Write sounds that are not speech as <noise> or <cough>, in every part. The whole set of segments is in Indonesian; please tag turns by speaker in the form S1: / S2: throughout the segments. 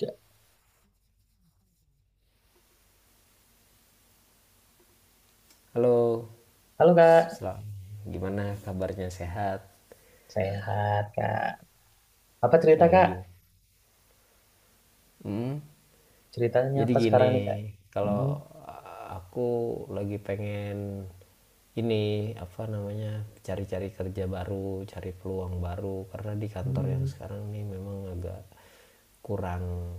S1: Ya.
S2: Halo.
S1: Halo Kak,
S2: Selamat. Gimana kabarnya, sehat?
S1: sehat Kak. Apa cerita
S2: Eh, gitu.
S1: Kak?
S2: Hmm,
S1: Ceritanya
S2: jadi
S1: apa sekarang
S2: gini,
S1: nih Kak? Mm,
S2: kalau aku lagi pengen, ini apa namanya, cari-cari kerja baru, cari peluang baru, karena di kantor yang
S1: mm,
S2: sekarang ini memang agak kurang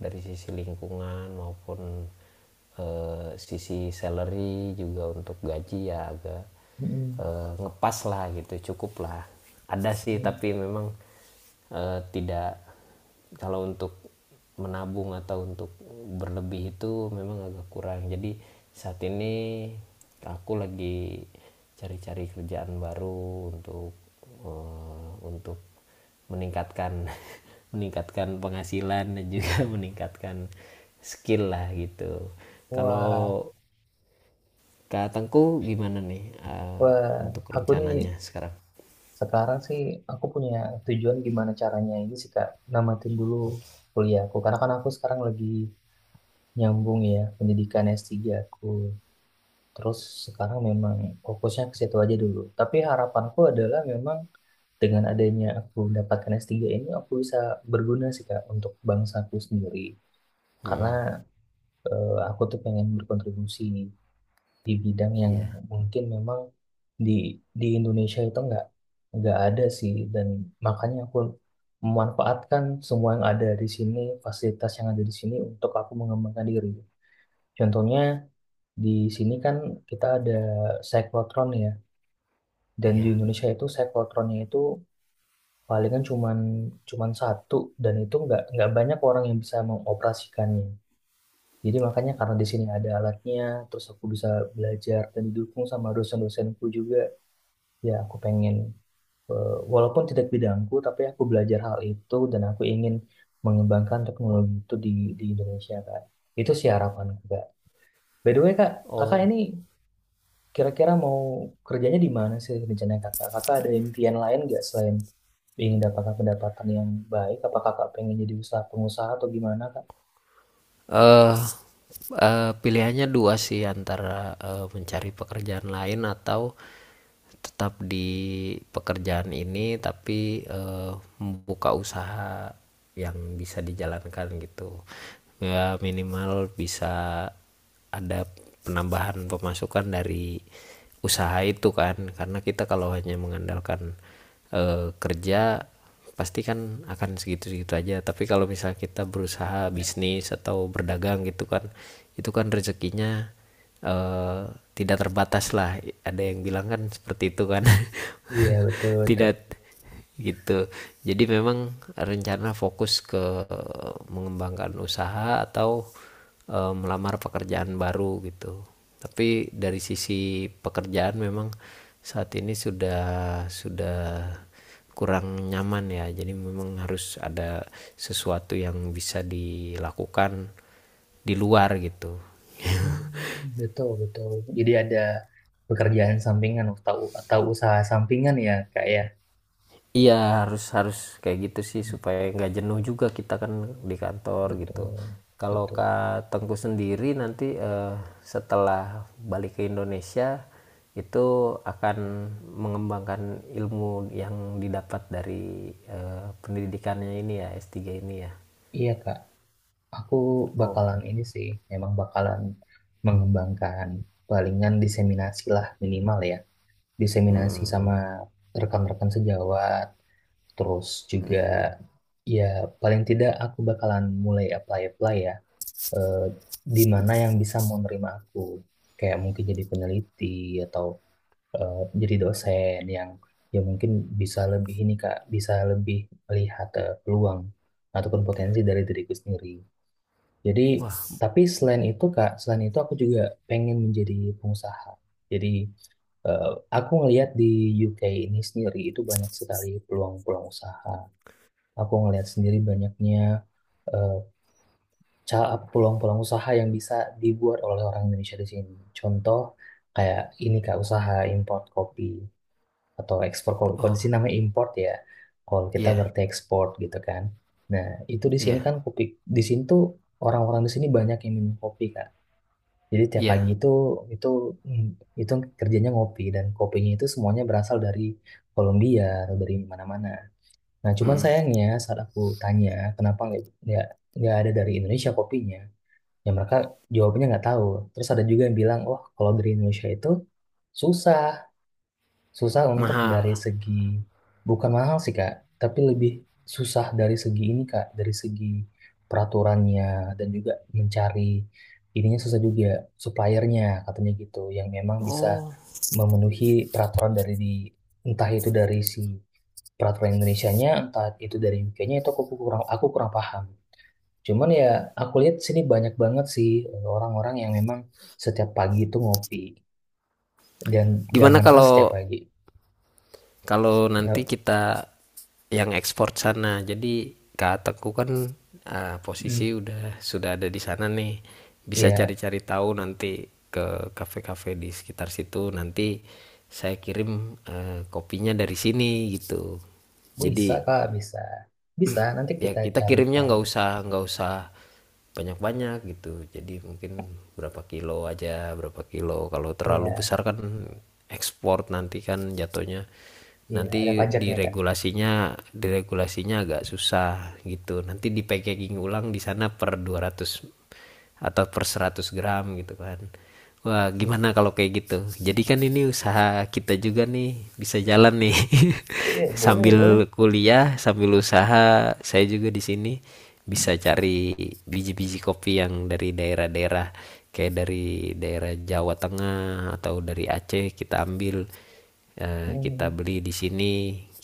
S2: dari sisi lingkungan maupun sisi salary, juga untuk gaji ya agak
S1: mm,
S2: ngepas lah gitu, cukup lah ada sih,
S1: mm.
S2: tapi memang tidak kalau untuk menabung atau untuk berlebih itu memang agak kurang. Jadi saat ini aku lagi cari-cari kerjaan baru untuk eh, untuk meningkatkan <laughs> meningkatkan penghasilan, dan juga <laughs> meningkatkan skill lah, gitu.
S1: Wah,
S2: Kalau Kak Tengku gimana nih,
S1: wah,
S2: untuk
S1: aku nih
S2: rencananya sekarang?
S1: sekarang sih aku punya tujuan gimana caranya ini sih Kak, namatin dulu kuliahku. Karena kan aku sekarang lagi nyambung ya pendidikan S3 aku. Terus sekarang memang fokusnya ke situ aja dulu. Tapi harapanku adalah memang dengan adanya aku mendapatkan S3 ini aku bisa berguna sih Kak untuk bangsaku sendiri karena
S2: Mm-mm.
S1: aku tuh pengen berkontribusi di bidang yang
S2: Iya, hmm.
S1: mungkin memang di di Indonesia itu nggak ada sih dan makanya aku memanfaatkan semua yang ada di sini, fasilitas yang ada di sini untuk aku mengembangkan diri. Contohnya di sini kan kita ada cyclotron ya, dan
S2: Iya.
S1: di
S2: Yeah. Yeah.
S1: Indonesia itu cyclotronnya itu palingan cuman cuman satu, dan itu nggak banyak orang yang bisa mengoperasikannya. Jadi makanya karena di sini ada alatnya, terus aku bisa belajar dan didukung sama dosen-dosenku juga. Ya aku pengen walaupun tidak bidangku, tapi aku belajar hal itu dan aku ingin mengembangkan teknologi itu di Indonesia Kak. Itu sih harapanku Kak. By the way Kak, kakak
S2: Oh.
S1: ini kira-kira mau kerjanya di mana sih rencana kakak? Kakak ada impian lain nggak selain ingin dapat pendapatan yang baik? Apa kakak pengen jadi usaha pengusaha atau gimana, Kak?
S2: Eh, Pilihannya dua sih, antara mencari pekerjaan lain, atau tetap di pekerjaan ini tapi membuka usaha yang bisa dijalankan, gitu. Ya minimal bisa ada penambahan pemasukan dari usaha itu kan, karena kita kalau hanya mengandalkan kerja pasti kan akan segitu-segitu aja, tapi kalau misalnya kita berusaha bisnis atau berdagang gitu kan, itu kan rezekinya eh, tidak terbatas lah, ada yang bilang kan seperti itu kan. <laughs>
S1: Iya, betul, betul.
S2: Tidak, gitu. Jadi memang rencana fokus ke mengembangkan usaha atau melamar pekerjaan baru gitu, tapi dari sisi pekerjaan memang saat ini sudah kurang nyaman ya, jadi memang harus ada sesuatu yang bisa dilakukan di luar, gitu.
S1: Hmm, betul, betul. Jadi ada pekerjaan sampingan atau usaha sampingan ya, Kak ya?
S2: Iya, harus harus kayak gitu sih,
S1: Hmm,
S2: supaya nggak jenuh juga kita kan di kantor, gitu.
S1: betul,
S2: Kalau
S1: betul.
S2: Kak Tengku sendiri nanti, setelah balik ke Indonesia itu akan mengembangkan ilmu yang didapat dari pendidikannya ini ya, S3 ini ya.
S1: Iya, Kak. Aku
S2: Oh,
S1: bakalan ini sih, memang bakalan mengembangkan, palingan diseminasi lah minimal ya. Diseminasi
S2: mm.
S1: sama rekan-rekan sejawat, terus juga ya paling tidak aku bakalan mulai apply-apply ya, eh, di mana yang bisa mau nerima aku, kayak mungkin jadi peneliti atau eh, jadi dosen yang ya mungkin bisa lebih ini Kak, bisa lebih melihat peluang ataupun potensi dari diriku sendiri. Jadi
S2: Wah,
S1: tapi selain itu Kak, selain itu aku juga pengen menjadi pengusaha. Jadi, Eh, aku ngelihat di UK ini sendiri itu banyak sekali peluang-peluang usaha. Aku ngelihat sendiri banyaknya eh, peluang-peluang usaha yang bisa dibuat oleh orang Indonesia di sini. Contoh kayak ini Kak, usaha import kopi atau ekspor kopi. Kalau di
S2: oh
S1: sini namanya import ya. Kalau kita
S2: iya
S1: berarti ekspor gitu kan. Nah itu di sini kan
S2: iya
S1: kopi, di sini tuh orang-orang di sini banyak yang minum kopi Kak. Jadi tiap
S2: iya.
S1: pagi itu mm, itu kerjanya ngopi, dan kopinya itu semuanya berasal dari Kolombia atau dari mana-mana. Nah, cuman
S2: Mm.
S1: sayangnya saat aku tanya kenapa nggak nggak nggak ada dari Indonesia kopinya, ya mereka jawabnya nggak tahu. Terus ada juga yang bilang, wah kalau dari Indonesia itu susah, susah untuk dari
S2: Mahal.
S1: segi, bukan mahal sih Kak, tapi lebih susah dari segi ini Kak, dari segi peraturannya dan juga mencari ininya susah juga, suppliernya katanya gitu, yang memang bisa
S2: Oh,
S1: memenuhi peraturan dari di entah itu dari si peraturan Indonesianya, entah itu dari UK-nya, itu aku kurang, aku kurang paham. Cuman ya aku lihat sini banyak banget sih orang-orang yang memang setiap pagi itu ngopi dan
S2: gimana
S1: jangankan setiap
S2: kalau
S1: pagi.
S2: kalau nanti
S1: Ya,
S2: kita yang ekspor sana, jadi Kak Teku kan
S1: mm.
S2: posisi sudah ada di sana nih, bisa
S1: Ya,
S2: cari-cari tahu nanti ke kafe-kafe di sekitar situ, nanti saya kirim kopinya dari sini, gitu,
S1: bisa
S2: jadi
S1: Kak, bisa. Bisa, nanti
S2: ya
S1: kita
S2: kita kirimnya
S1: carikan.
S2: nggak usah banyak-banyak gitu, jadi mungkin berapa kilo aja, berapa kilo, kalau terlalu
S1: Ya,
S2: besar kan ekspor nanti kan jatuhnya,
S1: iya, ada
S2: nanti
S1: pajaknya Kak.
S2: diregulasinya diregulasinya agak susah gitu, nanti di packaging ulang di sana per 200 atau per 100 gram gitu kan. Wah, gimana
S1: Itu
S2: kalau kayak gitu? Jadi kan ini usaha kita juga nih, bisa jalan nih.
S1: ya,
S2: <laughs>
S1: boleh, boleh.
S2: Sambil kuliah, sambil usaha, saya juga di sini bisa cari biji-biji kopi yang dari daerah-daerah, kayak dari daerah Jawa Tengah atau dari Aceh, kita ambil, kita
S1: Hmm,
S2: beli di sini,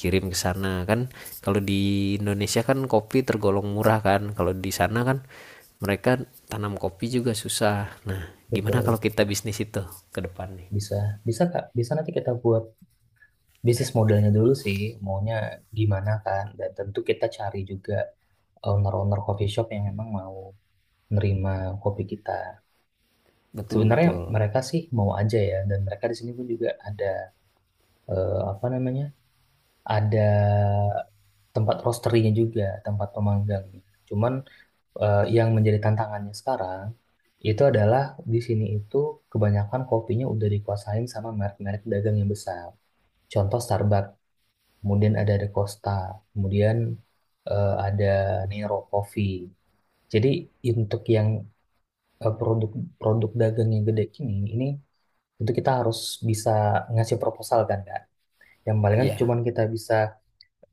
S2: kirim ke sana kan. Kalau di Indonesia kan kopi tergolong murah kan, kalau di sana kan mereka tanam kopi juga susah. Nah, gimana
S1: betul,
S2: kalau kita
S1: betul.
S2: bisnis itu ke depan nih?
S1: Bisa, bisa Kak. Bisa nanti kita buat bisnis modelnya dulu sih, maunya gimana kan. Dan tentu kita cari juga owner-owner coffee shop yang memang mau nerima kopi kita.
S2: Betul
S1: Sebenarnya
S2: betul.
S1: mereka sih mau aja ya, dan mereka di sini pun juga ada apa namanya, ada tempat roastery-nya juga, tempat pemanggangnya. Cuman yang menjadi tantangannya sekarang itu adalah di sini itu kebanyakan kopinya udah dikuasain sama merek-merek dagang yang besar. Contoh Starbucks, kemudian ada The Costa, kemudian ada Nero Coffee. Jadi untuk yang produk-produk dagang yang gede ini tentu kita harus bisa ngasih proposal kan Kak. Yang paling kan
S2: Ya
S1: cuman kita bisa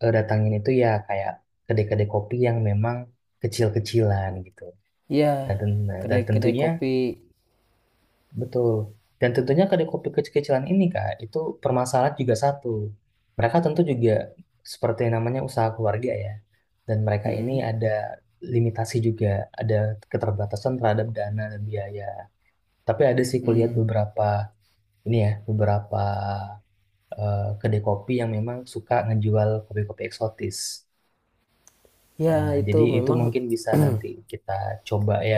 S1: datangin itu ya kayak kedai-kedai kopi yang memang kecil-kecilan gitu.
S2: ya.
S1: Dan, dan
S2: Kedai-kedai
S1: tentunya
S2: kopi.
S1: betul. Dan tentunya kedai kopi kecil-kecilan ini Kak, itu permasalahan juga satu. Mereka tentu juga seperti yang namanya usaha keluarga ya. Dan mereka ini
S2: Mm-mm.
S1: ada limitasi juga, ada keterbatasan terhadap dana dan biaya. Tapi ada sih kulihat
S2: Mm.
S1: beberapa ini ya, beberapa kedai kopi yang memang suka ngejual kopi-kopi eksotis. Nah,
S2: Ya
S1: jadi
S2: itu
S1: itu
S2: memang.
S1: mungkin bisa nanti kita coba ya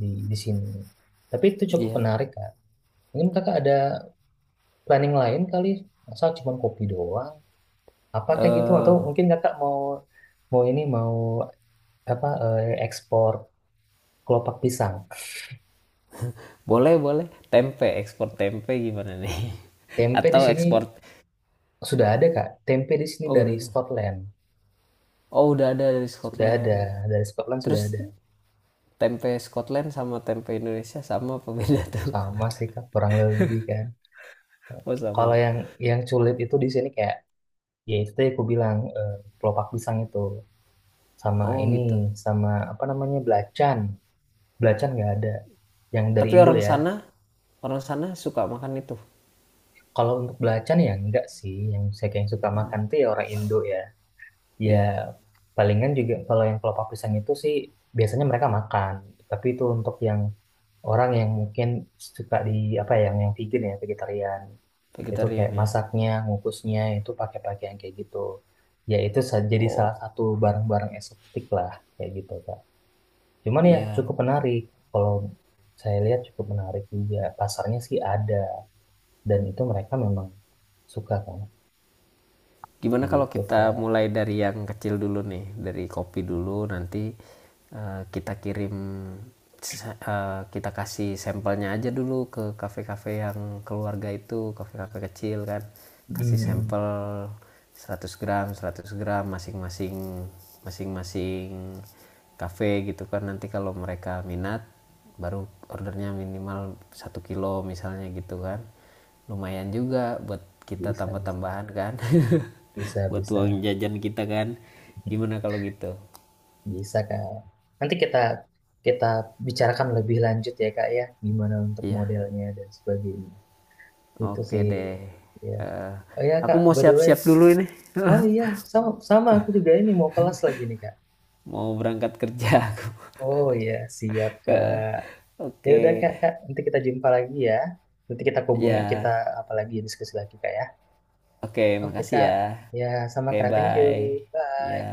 S1: di sini. Tapi itu cukup
S2: Ya,
S1: menarik, Kak. Mungkin Kakak ada planning lain kali, masa cuma kopi doang? Apa kayak gitu atau
S2: eh
S1: mungkin Kakak mau mau ini mau apa ekspor kelopak pisang.
S2: boleh boleh, tempe, ekspor tempe gimana nih? <laughs>
S1: Tempe di
S2: Atau
S1: sini
S2: ekspor.
S1: sudah ada, Kak. Tempe di sini
S2: Oh,
S1: dari
S2: udah.
S1: Scotland.
S2: Oh, udah ada dari
S1: Sudah
S2: Scotland.
S1: ada, dari Scotland sudah
S2: Terus
S1: ada.
S2: tempe Scotland sama tempe Indonesia sama apa beda tuh?
S1: Sama
S2: <laughs>
S1: sih, Kak, kurang lebih kan.
S2: Oh,
S1: Kalau
S2: sama.
S1: yang sulit itu di sini kayak ya itu tadi aku bilang kelopak pisang itu. Sama
S2: Oh,
S1: ini,
S2: gitu.
S1: sama apa namanya belacan, belacan nggak ada yang dari
S2: Tapi
S1: Indo ya.
S2: orang sana suka makan itu.
S1: Kalau untuk belacan ya enggak sih, yang saya kayak suka makan tuh ya orang Indo ya. Ya
S2: Iya,
S1: palingan juga kalau yang kelopak pisang itu sih biasanya mereka makan, tapi itu untuk yang orang yang mungkin suka di apa ya, yang vegan ya vegetarian. Itu
S2: vegetarian
S1: kayak
S2: ya.
S1: masaknya, ngukusnya itu pakai pakaian kayak gitu, ya itu jadi salah
S2: Oh,
S1: satu barang-barang eksotik lah kayak gitu. Cuman ya
S2: iya.
S1: cukup menarik. Kalau saya lihat cukup menarik juga. Pasarnya sih ada. Dan itu mereka memang suka kan.
S2: Gimana kalau
S1: Begitu
S2: kita
S1: Kak.
S2: mulai dari yang kecil dulu nih, dari kopi dulu, nanti kita kirim kita kasih sampelnya aja dulu ke kafe-kafe yang keluarga itu, kafe-kafe kecil kan, kasih
S1: Mm,
S2: sampel 100 gram 100 gram masing-masing, masing-masing kafe gitu kan, nanti kalau mereka minat baru ordernya minimal 1 kilo misalnya, gitu kan lumayan juga buat kita
S1: bisa, bisa,
S2: tambah-tambahan kan. <laughs>
S1: bisa,
S2: Buat
S1: bisa,
S2: uang jajan kita kan, gimana kalau gitu?
S1: bisa Kak. Nanti kita kita bicarakan lebih lanjut ya kak ya. Gimana untuk
S2: Iya,
S1: modelnya dan sebagainya. Itu
S2: oke
S1: sih.
S2: deh.
S1: Ya.
S2: Eh,
S1: Oh ya
S2: aku
S1: kak,
S2: mau
S1: by the way.
S2: siap-siap dulu ini
S1: Oh
S2: <laughs>
S1: iya, sama, sama aku juga ini mau kelas lagi nih Kak.
S2: mau berangkat kerja aku.
S1: Oh iya, siap
S2: <laughs> Eh, oke.
S1: Kak. Ya udah
S2: Okay.
S1: kak, kak, nanti kita jumpa lagi ya. Nanti kita hubungi, kita
S2: Ya,
S1: apalagi diskusi lagi Kak ya.
S2: oke, okay,
S1: Oke
S2: makasih
S1: Kak,
S2: ya.
S1: ya
S2: Oke,
S1: sama
S2: okay,
S1: Kak, thank you,
S2: bye. Ya.
S1: bye.